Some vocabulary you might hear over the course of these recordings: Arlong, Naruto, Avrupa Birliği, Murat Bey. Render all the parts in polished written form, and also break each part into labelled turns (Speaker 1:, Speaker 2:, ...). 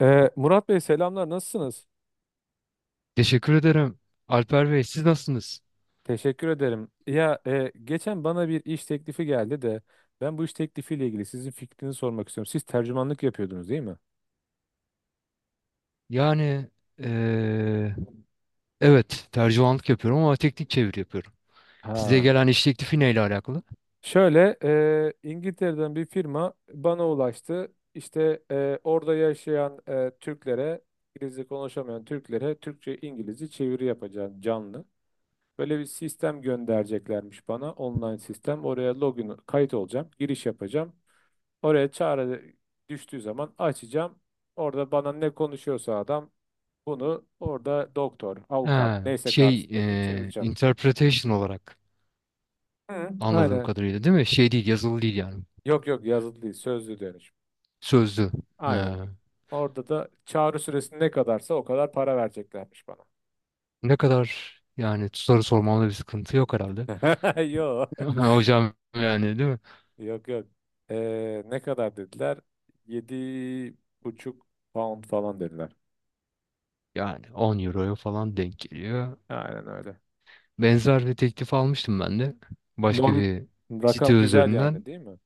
Speaker 1: Murat Bey, selamlar, nasılsınız?
Speaker 2: Teşekkür ederim. Alper Bey, siz nasılsınız?
Speaker 1: Teşekkür ederim. Ya geçen bana bir iş teklifi geldi de ben bu iş teklifiyle ilgili sizin fikrinizi sormak istiyorum. Siz tercümanlık yapıyordunuz, değil mi?
Speaker 2: Yani eee, evet tercümanlık yapıyorum ama teknik çeviri yapıyorum. Size
Speaker 1: Ha.
Speaker 2: gelen iş teklifi neyle alakalı?
Speaker 1: Şöyle İngiltere'den bir firma bana ulaştı. İşte orada yaşayan Türklere, İngilizce konuşamayan Türklere Türkçe İngilizce çeviri yapacağım, canlı. Böyle bir sistem göndereceklermiş bana, online sistem. Oraya login kayıt olacağım, giriş yapacağım. Oraya çağrı düştüğü zaman açacağım. Orada bana ne konuşuyorsa adam, bunu orada doktor, avukat
Speaker 2: Ha,
Speaker 1: neyse
Speaker 2: şey
Speaker 1: karşısındaki çevireceğim.
Speaker 2: interpretation olarak
Speaker 1: Hı.
Speaker 2: anladığım
Speaker 1: Aynen.
Speaker 2: kadarıyla değil mi? Şey değil, yazılı değil yani.
Speaker 1: Yok, yok, yazılı değil, sözlü dönüş.
Speaker 2: Sözlü.
Speaker 1: Aynen.
Speaker 2: Ha,
Speaker 1: Orada da çağrı süresi ne kadarsa o kadar para vereceklermiş bana.
Speaker 2: ne kadar yani soru sormamda bir sıkıntı yok herhalde.
Speaker 1: Yok.
Speaker 2: Hocam, yani değil mi?
Speaker 1: Yok, yok. Ne kadar dediler? 7,5 pound falan dediler.
Speaker 2: Yani 10 euroya falan denk geliyor.
Speaker 1: Aynen öyle.
Speaker 2: Benzer bir teklif almıştım ben de. Başka
Speaker 1: Norm
Speaker 2: bir site
Speaker 1: Rakam güzel
Speaker 2: üzerinden.
Speaker 1: yani, değil mi?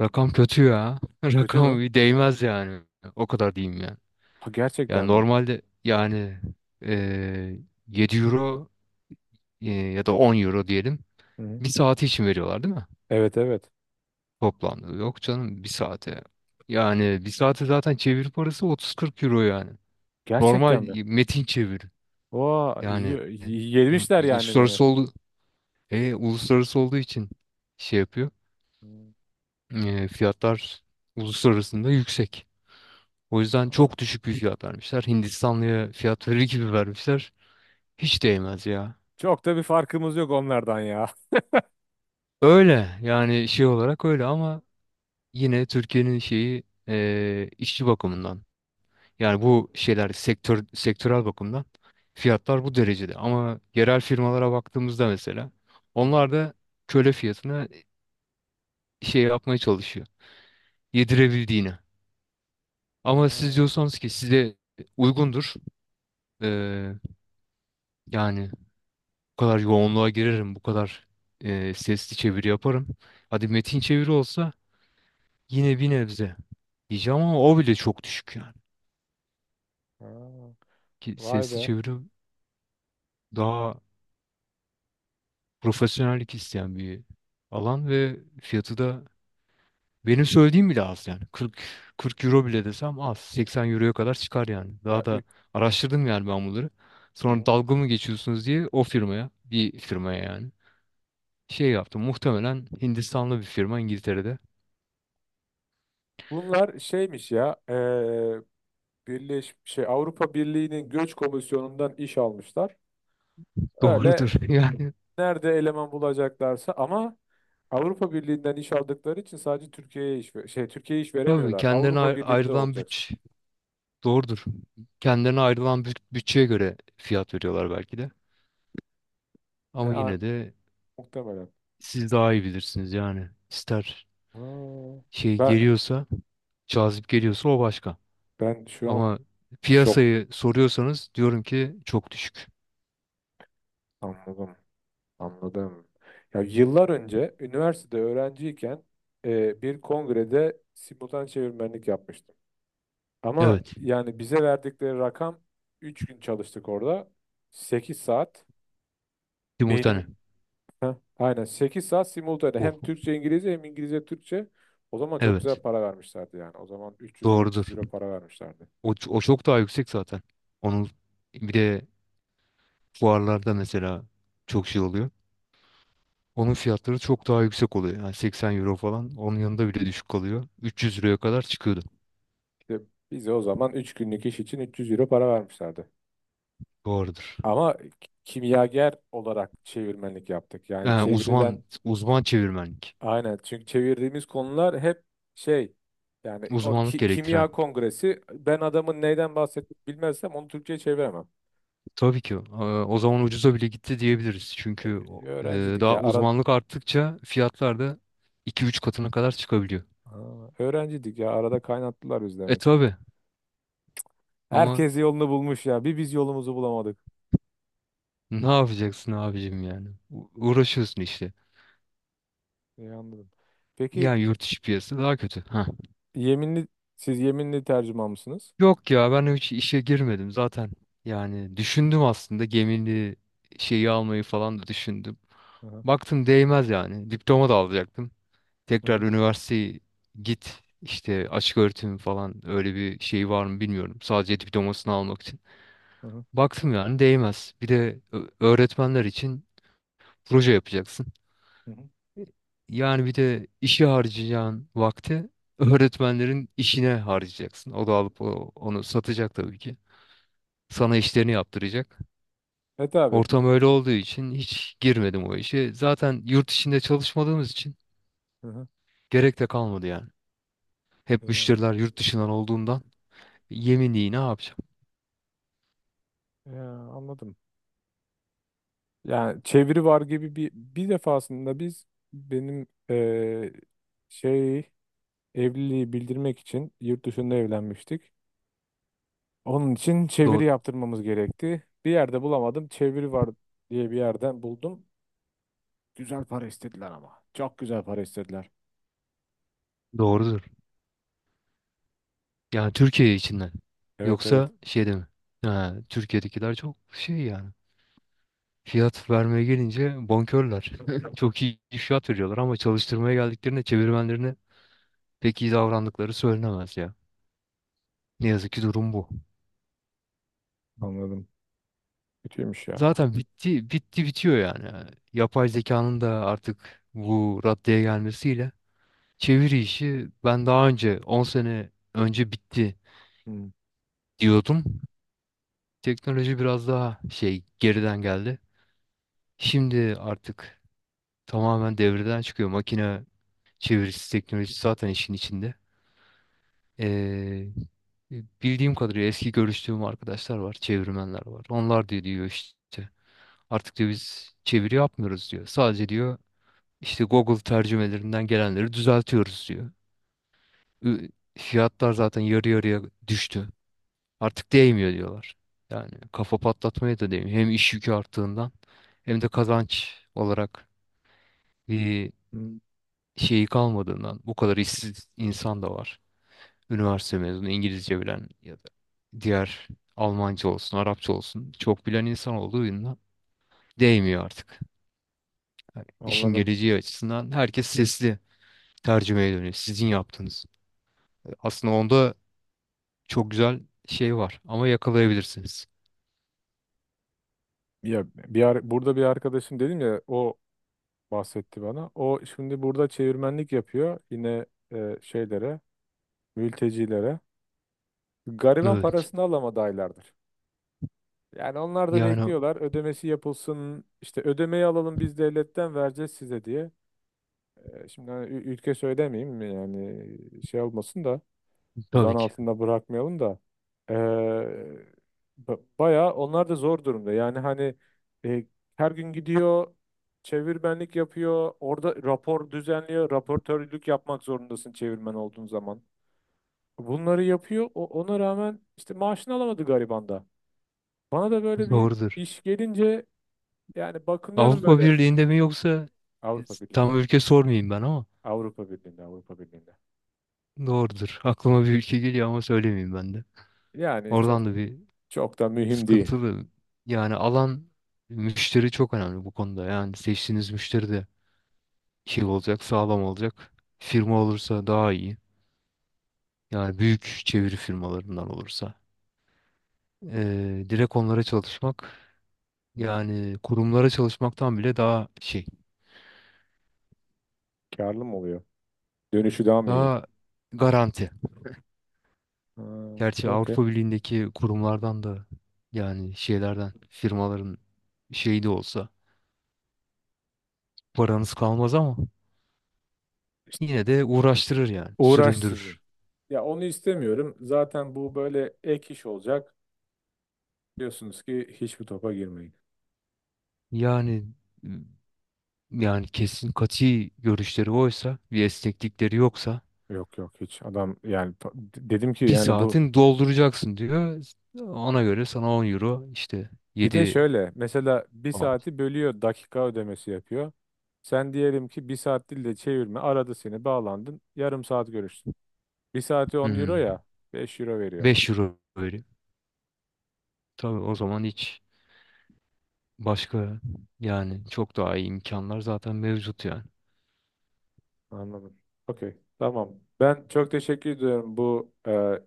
Speaker 2: Rakam kötü ya.
Speaker 1: Kötü
Speaker 2: Rakam
Speaker 1: mü?
Speaker 2: bir değmez yani. O kadar diyeyim yani.
Speaker 1: Ha,
Speaker 2: Yani
Speaker 1: gerçekten mi?
Speaker 2: normalde yani eee 7 euro ya da 10 euro diyelim.
Speaker 1: Hı.
Speaker 2: Bir saati için veriyorlar değil mi?
Speaker 1: Evet, evet.
Speaker 2: Toplamda. Yok canım, bir saate. Yani bir saate zaten çevir parası 30-40 euro yani. Normal
Speaker 1: Gerçekten mi?
Speaker 2: metin çeviri.
Speaker 1: Oo,
Speaker 2: Yani
Speaker 1: yemişler yani beni.
Speaker 2: uluslararası oldu, uluslararası olduğu için şey yapıyor.
Speaker 1: Hmm.
Speaker 2: Fiyatlar uluslararasında yüksek. O yüzden
Speaker 1: Aa.
Speaker 2: çok düşük bir fiyat vermişler. Hindistanlıya fiyat verir gibi vermişler. Hiç değmez ya.
Speaker 1: Çok da bir farkımız yok onlardan ya.
Speaker 2: Öyle yani, şey olarak öyle ama yine Türkiye'nin şeyi işçi bakımından yani bu şeyler sektörel bakımdan fiyatlar bu derecede. Ama yerel firmalara baktığımızda mesela
Speaker 1: Hı hı.
Speaker 2: onlar da köle fiyatına şey yapmaya çalışıyor. Yedirebildiğine. Ama siz
Speaker 1: Aa,
Speaker 2: diyorsanız ki size uygundur. eee, yani bu kadar yoğunluğa girerim, bu kadar sesli çeviri yaparım. Hadi metin çeviri olsa yine bir nebze diyeceğim ama o bile çok düşük yani.
Speaker 1: aa.
Speaker 2: Ki
Speaker 1: Vay
Speaker 2: sesli
Speaker 1: be.
Speaker 2: çeviri daha profesyonellik isteyen bir alan ve fiyatı da benim söylediğim bile az yani. 40 euro bile desem az. 80 euroya kadar çıkar yani. Daha
Speaker 1: Ya.
Speaker 2: da araştırdım yani ben bunları.
Speaker 1: Hı
Speaker 2: Sonra
Speaker 1: hı.
Speaker 2: dalga mı geçiyorsunuz diye o firmaya, bir firmaya yani şey yaptım. Muhtemelen Hindistanlı bir firma İngiltere'de.
Speaker 1: Bunlar şeymiş ya. Birleş şey Avrupa Birliği'nin Göç Komisyonu'ndan iş almışlar. Öyle
Speaker 2: Doğrudur yani.
Speaker 1: nerede eleman bulacaklarsa, ama Avrupa Birliği'nden iş aldıkları için sadece Türkiye'ye iş
Speaker 2: Tabii
Speaker 1: veremiyorlar.
Speaker 2: kendilerine
Speaker 1: Avrupa Birliği'nde
Speaker 2: ayrılan
Speaker 1: olacaksın.
Speaker 2: doğrudur. Kendilerine ayrılan bütçeye göre fiyat veriyorlar belki de.
Speaker 1: E,
Speaker 2: Ama
Speaker 1: a-
Speaker 2: yine de
Speaker 1: Muhtemelen.
Speaker 2: siz daha iyi bilirsiniz yani. İster
Speaker 1: Aa,
Speaker 2: şey
Speaker 1: ben,
Speaker 2: geliyorsa, cazip geliyorsa o başka.
Speaker 1: ben şu an
Speaker 2: Ama
Speaker 1: şok,
Speaker 2: piyasayı soruyorsanız diyorum ki çok düşük.
Speaker 1: anladım. Anladım. Ya, yıllar önce üniversitede öğrenciyken bir kongrede simultan çevirmenlik yapmıştım. Ama
Speaker 2: Evet.
Speaker 1: yani bize verdikleri rakam, 3 gün çalıştık orada. 8 saat.
Speaker 2: Simultane.
Speaker 1: Beynim Heh, aynen 8 saat simultane,
Speaker 2: O,
Speaker 1: hem Türkçe İngilizce hem İngilizce Türkçe. O zaman çok güzel
Speaker 2: evet.
Speaker 1: para vermişlerdi yani. O zaman üç yüz dört
Speaker 2: Doğrudur.
Speaker 1: yüz euro para vermişlerdi.
Speaker 2: O, çok daha yüksek zaten. Onun bir de fuarlarda mesela çok şey oluyor. Onun fiyatları çok daha yüksek oluyor. Yani 80 euro falan onun yanında bile düşük kalıyor. 300 euroya kadar çıkıyordu.
Speaker 1: İşte bize o zaman 3 günlük iş için 300 euro para vermişlerdi.
Speaker 2: Doğrudur.
Speaker 1: Ama kimyager olarak çevirmenlik yaptık. Yani
Speaker 2: Yani
Speaker 1: çevirilen
Speaker 2: uzman, uzman çevirmenlik.
Speaker 1: Aynen, çünkü çevirdiğimiz konular hep şey yani,
Speaker 2: Uzmanlık gerektiren.
Speaker 1: kimya kongresi, ben adamın neyden bahsettiğini bilmezsem onu Türkçe'ye çeviremem.
Speaker 2: Tabii ki. O zaman ucuza bile gitti diyebiliriz. Çünkü
Speaker 1: Öğrencidik
Speaker 2: daha
Speaker 1: ya ara
Speaker 2: uzmanlık arttıkça fiyatlar da 2-3 katına kadar çıkabiliyor.
Speaker 1: Aa, öğrencidik ya arada kaynattılar biz
Speaker 2: E
Speaker 1: demek.
Speaker 2: tabii ama
Speaker 1: Herkes yolunu bulmuş ya, bir biz yolumuzu bulamadık.
Speaker 2: ne yapacaksın abicim yani? Uğraşıyorsun işte.
Speaker 1: İyi, anladım. Peki,
Speaker 2: Yani yurt içi piyasası daha kötü. Heh.
Speaker 1: yeminli siz yeminli tercüman mısınız?
Speaker 2: Yok ya, ben hiç işe girmedim zaten. Yani düşündüm aslında, gemini şeyi almayı falan da düşündüm.
Speaker 1: Hı hı.
Speaker 2: Baktım değmez yani. Diploma da alacaktım.
Speaker 1: Hı
Speaker 2: Tekrar
Speaker 1: hı.
Speaker 2: üniversiteye git işte, açık öğretim falan öyle bir şey var mı bilmiyorum. Sadece diplomasını almak için.
Speaker 1: Hı hı.
Speaker 2: Baktım yani değmez. Bir de öğretmenler için proje yapacaksın.
Speaker 1: Hı.
Speaker 2: Yani bir de işe harcayacağın vakti öğretmenlerin işine harcayacaksın. O da alıp onu satacak tabii ki. Sana işlerini yaptıracak.
Speaker 1: Evet, abi.
Speaker 2: Ortam öyle olduğu için hiç girmedim o işe. Zaten yurt içinde çalışmadığımız için
Speaker 1: Hı hı.
Speaker 2: gerek de kalmadı yani. Hep
Speaker 1: Ya,
Speaker 2: müşteriler yurt dışından olduğundan yeminliği ne yapacağım?
Speaker 1: ya, anladım. Yani çeviri var gibi, bir defasında benim şey evliliği bildirmek için yurt dışında evlenmiştik. Onun için çeviri
Speaker 2: Do-
Speaker 1: yaptırmamız gerekti. Bir yerde bulamadım. Çeviri var diye bir yerden buldum. Güzel para istediler ama. Çok güzel para istediler.
Speaker 2: Doğrudur. Yani Türkiye içinden.
Speaker 1: Evet, evet,
Speaker 2: Yoksa şeyde mi? Ha, Türkiye'dekiler çok şey yani. Fiyat vermeye gelince bonkörler. Çok iyi fiyat veriyorlar ama çalıştırmaya geldiklerinde çevirmenlerine pek iyi davrandıkları söylenemez ya. Ne yazık ki durum bu.
Speaker 1: anladım. Kötüymüş ya.
Speaker 2: Zaten bitti bitti bitiyor yani. Yapay zekanın da artık bu raddeye gelmesiyle çeviri işi ben daha önce 10 sene önce bitti
Speaker 1: Hmm.
Speaker 2: diyordum. Teknoloji biraz daha şey geriden geldi. Şimdi artık tamamen devreden çıkıyor. Makine çevirisi teknolojisi zaten işin içinde. Ee, bildiğim kadarıyla eski görüştüğüm arkadaşlar var, çevirmenler var. Onlar diyor işte, artık diyor biz çeviri yapmıyoruz diyor. Sadece diyor İşte Google tercümelerinden gelenleri düzeltiyoruz diyor. Ü- Fiyatlar zaten yarı yarıya düştü. Artık değmiyor diyorlar. Yani kafa patlatmaya da değmiyor. Hem iş yükü arttığından hem de kazanç olarak bir
Speaker 1: Hmm.
Speaker 2: şeyi kalmadığından bu kadar işsiz insan da var. Üniversite mezunu İngilizce bilen ya da diğer, Almanca olsun, Arapça olsun çok bilen insan olduğundan değmiyor artık. İşin
Speaker 1: Anladım.
Speaker 2: geleceği açısından herkes sesli tercümeye dönüyor. Sizin yaptığınız. Aslında onda çok güzel şey var ama yakalayabilirsiniz.
Speaker 1: Burada bir arkadaşım, dedim ya, o bahsetti bana. O şimdi burada çevirmenlik yapıyor yine eee, şeylere. mültecilere. Gariban
Speaker 2: Evet.
Speaker 1: parasını alamadı aylardır. Yani onlar da
Speaker 2: Yani
Speaker 1: bekliyorlar, ödemesi yapılsın, işte ödemeyi alalım biz devletten, vereceğiz size diye. Şimdi hani ülke söylemeyeyim mi yani, şey olmasın da, zan
Speaker 2: tabii ki.
Speaker 1: altında bırakmayalım da. Ee, Bayağı onlar da zor durumda yani hani, e, her gün gidiyor, çevirmenlik yapıyor orada, rapor düzenliyor, raportörlük yapmak zorundasın çevirmen olduğun zaman. Bunları yapıyor. Ona rağmen işte maaşını alamadı gariban da. Bana da böyle bir
Speaker 2: Doğrudur.
Speaker 1: iş gelince yani bakınıyorum
Speaker 2: Avrupa
Speaker 1: böyle.
Speaker 2: Birliği'nde mi yoksa,
Speaker 1: Avrupa
Speaker 2: tam
Speaker 1: Birliği'nde.
Speaker 2: ülke sormayayım ben ama
Speaker 1: Avrupa Birliği'nde, Avrupa Birliği'nde.
Speaker 2: doğrudur. Aklıma bir ülke geliyor ama söylemeyeyim ben de.
Speaker 1: Yani
Speaker 2: Oradan
Speaker 1: çok,
Speaker 2: da bir
Speaker 1: çok da mühim değil.
Speaker 2: sıkıntılı yani alan, müşteri çok önemli bu konuda. Yani seçtiğiniz müşteri de şey olacak, sağlam olacak. Firma olursa daha iyi. Yani büyük çeviri firmalarından olursa. Direkt onlara çalışmak
Speaker 1: Hmm,
Speaker 2: yani kurumlara çalışmaktan bile daha şey,
Speaker 1: Karlı mı oluyor? Dönüşü daha mı iyi?
Speaker 2: daha garanti.
Speaker 1: Ha,
Speaker 2: Gerçi
Speaker 1: okey.
Speaker 2: Avrupa Birliği'ndeki kurumlardan da yani şeylerden, firmaların şeyi de olsa paranız kalmaz ama
Speaker 1: İşte
Speaker 2: yine de uğraştırır yani,
Speaker 1: uğraştırıcı.
Speaker 2: süründürür.
Speaker 1: Ya onu istemiyorum. Zaten bu böyle ek iş olacak. Diyorsunuz ki hiçbir topa girmeyin.
Speaker 2: Yani yani kesin kati görüşleri oysa, bir esneklikleri yoksa
Speaker 1: Yok, yok, hiç. Adam yani dedim ki
Speaker 2: bir
Speaker 1: yani bu.
Speaker 2: saatin dolduracaksın diyor. Ona göre sana 10 euro işte,
Speaker 1: Bir de
Speaker 2: yedi
Speaker 1: şöyle mesela, bir
Speaker 2: pound.
Speaker 1: saati bölüyor, dakika ödemesi yapıyor. Sen diyelim ki bir saat dille çevirme aradı seni, bağlandın, yarım saat görüştün. Bir saati 10 euro
Speaker 2: Hmm,
Speaker 1: ya 5 euro veriyor.
Speaker 2: 5 euro böyle. Tabii o zaman hiç başka, yani çok daha iyi imkanlar zaten mevcut yani.
Speaker 1: Anladım. Okey, tamam. Ben çok teşekkür ediyorum bu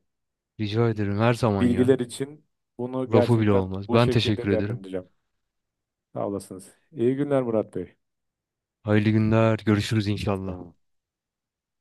Speaker 2: Rica ederim her zaman ya.
Speaker 1: bilgiler için. Bunu
Speaker 2: Lafı bile
Speaker 1: gerçekten
Speaker 2: olmaz.
Speaker 1: bu
Speaker 2: Ben teşekkür
Speaker 1: şekilde
Speaker 2: ederim.
Speaker 1: değerlendireceğim. Sağ olasınız. İyi günler Murat Bey.
Speaker 2: Hayırlı günler. Görüşürüz
Speaker 1: Sağ
Speaker 2: inşallah.
Speaker 1: olun.